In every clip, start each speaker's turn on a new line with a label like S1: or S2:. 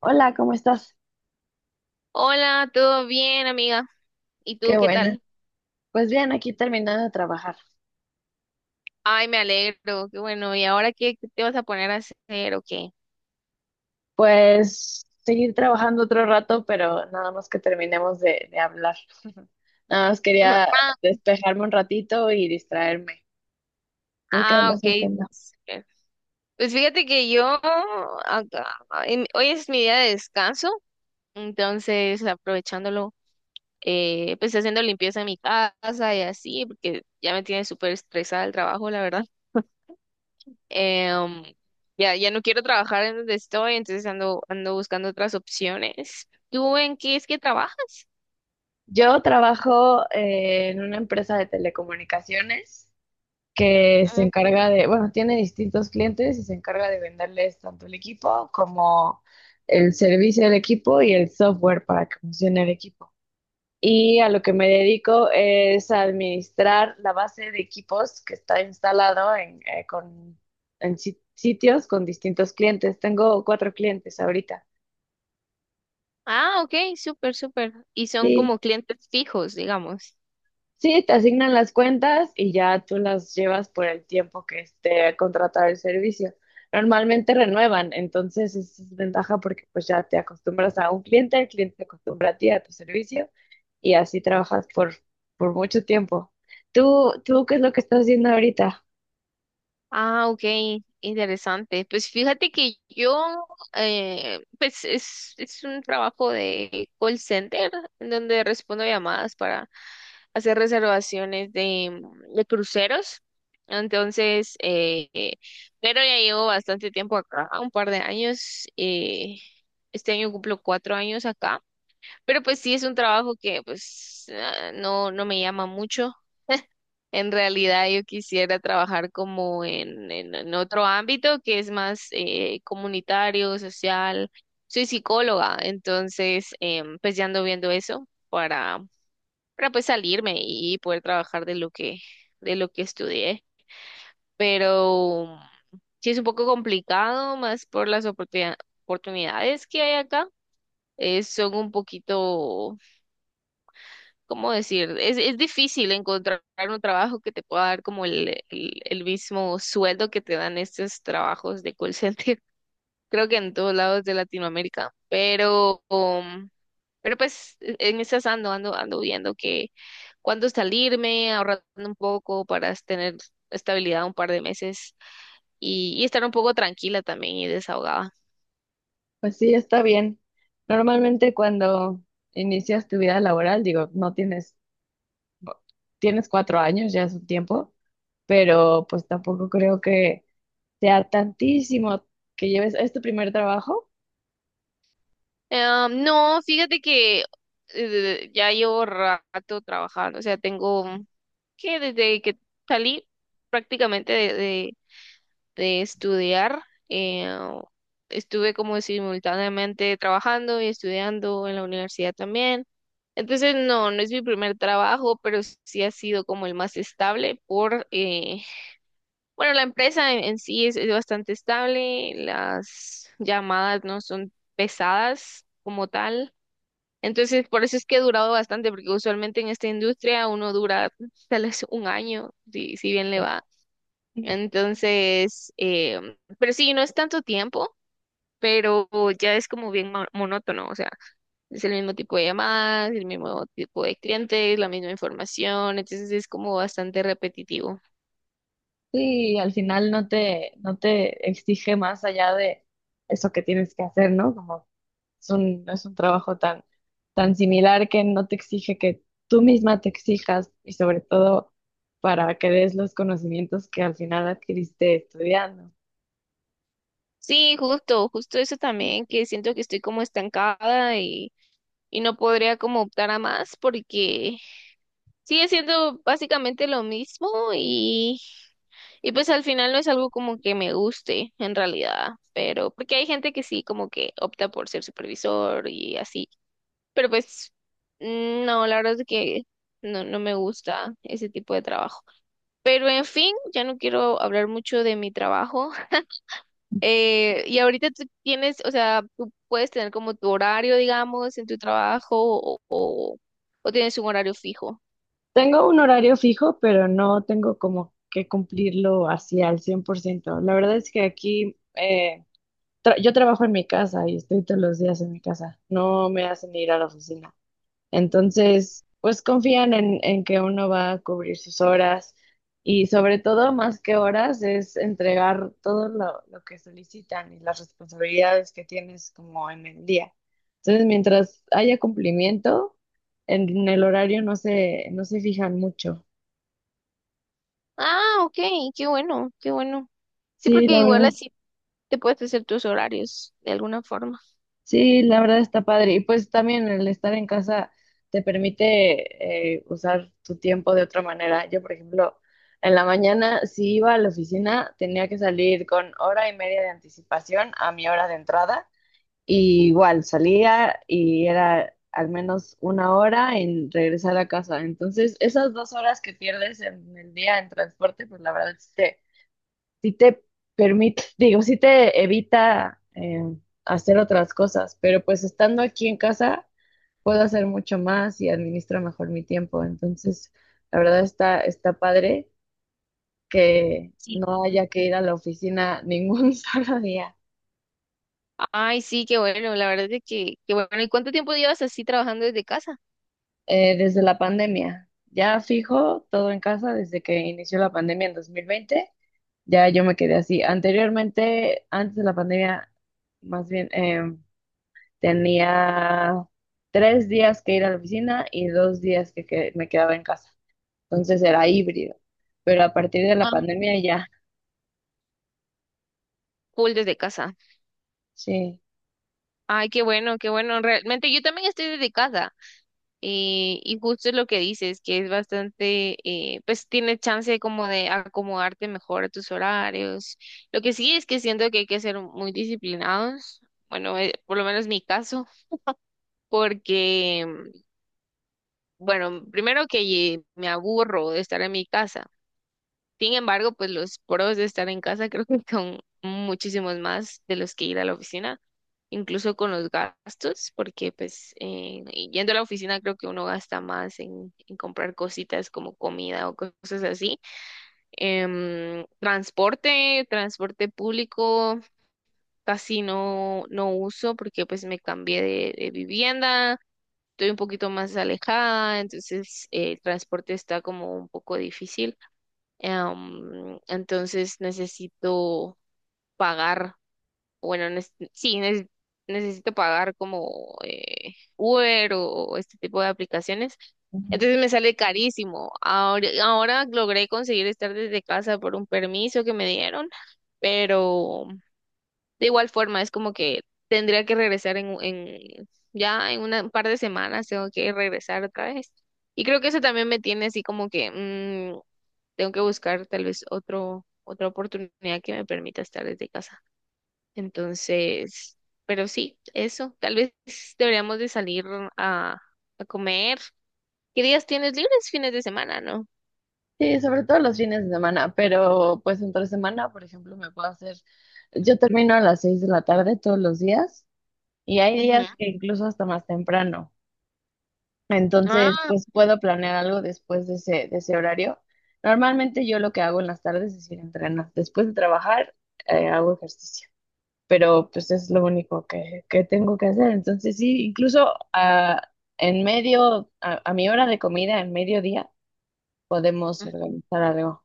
S1: Hola, ¿cómo estás?
S2: Hola, ¿todo bien, amiga? ¿Y tú
S1: Qué
S2: qué
S1: buena.
S2: tal?
S1: Pues bien, aquí terminando de trabajar.
S2: Ay, me alegro, qué bueno. ¿Y ahora qué te vas a poner a hacer o qué?
S1: Pues seguir trabajando otro rato, pero nada más que terminemos de hablar. Nada más quería
S2: Ah,
S1: despejarme un ratito y distraerme. ¿Tú qué
S2: ah,
S1: andas
S2: ok.
S1: haciendo?
S2: Súper. Pues fíjate que yo, acá- hoy es mi día de descanso, entonces aprovechándolo, pues haciendo limpieza en mi casa y así, porque ya me tiene súper estresada el trabajo, la verdad. Em, ya no quiero trabajar en donde estoy, entonces ando buscando otras opciones. ¿Tú en qué es que trabajas?
S1: Yo trabajo en una empresa de telecomunicaciones que se encarga de, bueno, tiene distintos clientes y se encarga de venderles tanto el equipo como el servicio del equipo y el software para que funcione el equipo. Y a lo que me dedico es a administrar la base de equipos que está instalado en sitios con distintos clientes. Tengo cuatro clientes ahorita.
S2: Ah, ok, súper, súper. Y son
S1: Sí,
S2: como clientes fijos, digamos.
S1: sí, te asignan las cuentas y ya tú las llevas por el tiempo que esté contratado el servicio. Normalmente renuevan, entonces esa es ventaja porque pues ya te acostumbras a un cliente, el cliente se acostumbra a ti, a tu servicio y así trabajas por mucho tiempo. ¿Tú qué es lo que estás haciendo ahorita?
S2: Ah, ok, interesante. Pues fíjate que yo, pues es un trabajo de call center en donde respondo llamadas para hacer reservaciones de cruceros. Entonces, pero ya llevo bastante tiempo acá, un par de años. Este año cumplo 4 años acá. Pero pues sí es un trabajo que pues no, no me llama mucho. En realidad yo quisiera trabajar como en otro ámbito que es más comunitario, social. Soy psicóloga, entonces pues ya ando viendo eso para pues salirme y poder trabajar de lo que estudié. Pero sí es un poco complicado más por las oportunidades que hay acá. Son un poquito ¿cómo decir? Es difícil encontrar un trabajo que te pueda dar como el mismo sueldo que te dan estos trabajos de call center. Creo que en todos lados de Latinoamérica, pero, pero pues en esas ando viendo que cuándo salirme, ahorrando un poco para tener estabilidad un par de meses y estar un poco tranquila también y desahogada.
S1: Pues sí, está bien. Normalmente cuando inicias tu vida laboral, digo, no tienes, bo- tienes 4 años, ya es un tiempo, pero pues tampoco creo que sea tantísimo que lleves, es tu primer trabajo.
S2: No, fíjate que ya llevo rato trabajando, o sea, tengo que desde que salí prácticamente de estudiar, eh, estuve como simultáneamente trabajando y estudiando en la universidad también. Entonces, no, no es mi primer trabajo, pero sí ha sido como el más estable por, bueno, la empresa en sí es bastante estable, las llamadas no son pesadas como tal. Entonces, por eso es que he durado bastante, porque usualmente en esta industria uno dura tal vez un año, si, si bien le va.
S1: Sí,
S2: Entonces, pero sí, no es tanto tiempo, pero ya es como bien monótono, o sea, es el mismo tipo de llamadas, el mismo tipo de clientes, la misma información, entonces es como bastante repetitivo.
S1: sí, al final no te exige más allá de eso que tienes que hacer, ¿no? No es un trabajo tan similar que no te exige que tú misma te exijas y sobre todo para que des los conocimientos que al final adquiriste estudiando.
S2: Sí, justo, justo eso también, que siento que estoy como estancada y no podría como optar a más porque sigue siendo básicamente lo mismo y, y pues al final no es algo como que me guste en realidad, pero porque hay gente que sí como que opta por ser supervisor y así, pero pues no, la verdad es que no, no me gusta ese tipo de trabajo. Pero en fin, ya no quiero hablar mucho de mi trabajo. Y ahorita tú tienes, o sea, tú puedes tener como tu horario, digamos, en tu trabajo o tienes un horario fijo.
S1: Tengo un horario fijo, pero no tengo como que cumplirlo así al 100%. La verdad es que aquí yo trabajo en mi casa y estoy todos los días en mi casa. No me hacen ir a la oficina. Entonces, pues confían en que uno va a cubrir sus horas y sobre todo, más que horas, es entregar todo lo que solicitan y las responsabilidades que tienes como en el día. Entonces, mientras haya cumplimiento, el horario no se fijan mucho.
S2: Ah, ok, qué bueno, qué bueno. Sí,
S1: Sí,
S2: porque
S1: la
S2: igual
S1: verdad.
S2: así te puedes hacer tus horarios de alguna forma.
S1: Sí, la verdad está padre. Y pues también el estar en casa te permite usar tu tiempo de otra manera. Yo, por ejemplo, en la mañana, si iba a la oficina, tenía que salir con hora y media de anticipación a mi hora de entrada. Y igual salía y era al menos una hora en regresar a casa. Entonces, esas 2 horas que pierdes en el día en transporte, pues la verdad sí te permite, digo, sí te evita hacer otras cosas, pero pues estando aquí en casa puedo hacer mucho más y administro mejor mi tiempo. Entonces, la verdad está padre que
S2: Sí.
S1: no haya que ir a la oficina ningún solo día.
S2: Ay, sí, qué bueno, la verdad es que, qué bueno. ¿Y cuánto tiempo llevas así trabajando desde casa?
S1: Desde la pandemia. Ya fijo todo en casa desde que inició la pandemia en 2020. Ya yo me quedé así. Anteriormente, antes de la pandemia, más bien, tenía 3 días que ir a la oficina y 2 días me quedaba en casa. Entonces era híbrido. Pero a partir de la
S2: Ah,
S1: pandemia ya,
S2: full desde casa.
S1: sí.
S2: Ay, qué bueno, qué bueno. Realmente yo también estoy desde casa. Y justo es lo que dices, que es bastante, pues tienes chance como de acomodarte mejor a tus horarios. Lo que sí es que siento que hay que ser muy disciplinados. Bueno, por lo menos mi caso, porque bueno, primero que me aburro de estar en mi casa. Sin embargo, pues los pros de estar en casa creo que son muchísimos más de los que ir a la oficina, incluso con los gastos, porque pues y yendo a la oficina creo que uno gasta más en comprar cositas como comida o cosas así. Transporte, transporte público, casi no uso porque pues me cambié de vivienda estoy un poquito más alejada, entonces el transporte está como un poco difícil. Entonces necesito pagar, bueno, sí, necesito pagar como Uber o este tipo de aplicaciones.
S1: Ujú.
S2: Entonces me sale carísimo. Ahora logré conseguir estar desde casa por un permiso que me dieron, pero de igual forma, es como que tendría que regresar en ya en un par de semanas, tengo que regresar otra vez. Y creo que eso también me tiene así como que tengo que buscar tal vez otro, otra oportunidad que me permita estar desde casa. Entonces, pero sí, eso. Tal vez deberíamos de salir a, a comer. ¿Qué días tienes libres? Fines de semana, ¿no?
S1: Sí, sobre todo los fines de semana, pero pues entre semana, por ejemplo, yo termino a las 6 de la tarde todos los días y hay
S2: Ujú.
S1: días que incluso hasta más temprano. Entonces,
S2: Ah,
S1: pues puedo planear algo después de ese horario. Normalmente yo lo que hago en las tardes es ir a entrenar. Después de trabajar, hago ejercicio. Pero pues es lo único que tengo que hacer. Entonces sí, incluso en medio, a mi hora de comida, en mediodía, podemos organizar algo.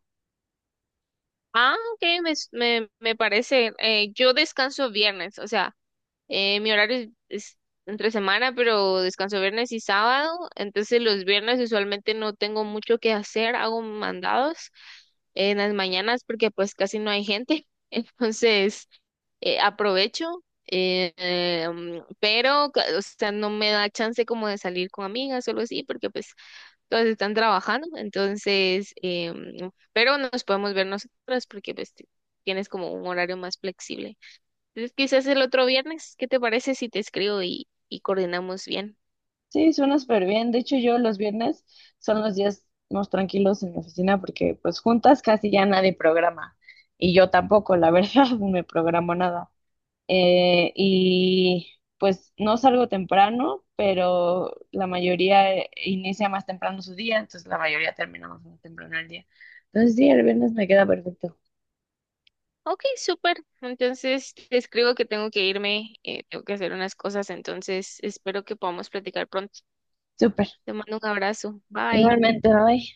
S2: ah, ok, me parece. Yo descanso viernes, o sea. Mi horario es entre semana, pero descanso viernes y sábado. Entonces los viernes usualmente no tengo mucho que hacer, hago mandados en las mañanas porque pues casi no hay gente. Entonces aprovecho, pero o sea, no me da chance como de salir con amigas o algo así porque pues todas están trabajando. Entonces, pero nos podemos ver nosotras porque pues tienes como un horario más flexible. Entonces, quizás el otro viernes, ¿qué te parece si te escribo y coordinamos bien?
S1: Sí, suena súper bien. De hecho, yo los viernes son los días más tranquilos en la oficina porque pues juntas casi ya nadie programa y yo tampoco, la verdad, no me programo nada. Y pues no salgo temprano, pero la mayoría inicia más temprano su día, entonces la mayoría terminamos más temprano el día. Entonces sí, el viernes me queda perfecto.
S2: Ok, súper. Entonces, te escribo que tengo que irme, tengo que hacer unas cosas, entonces espero que podamos platicar pronto.
S1: Súper.
S2: Te mando un abrazo. Bye.
S1: Igualmente, bye.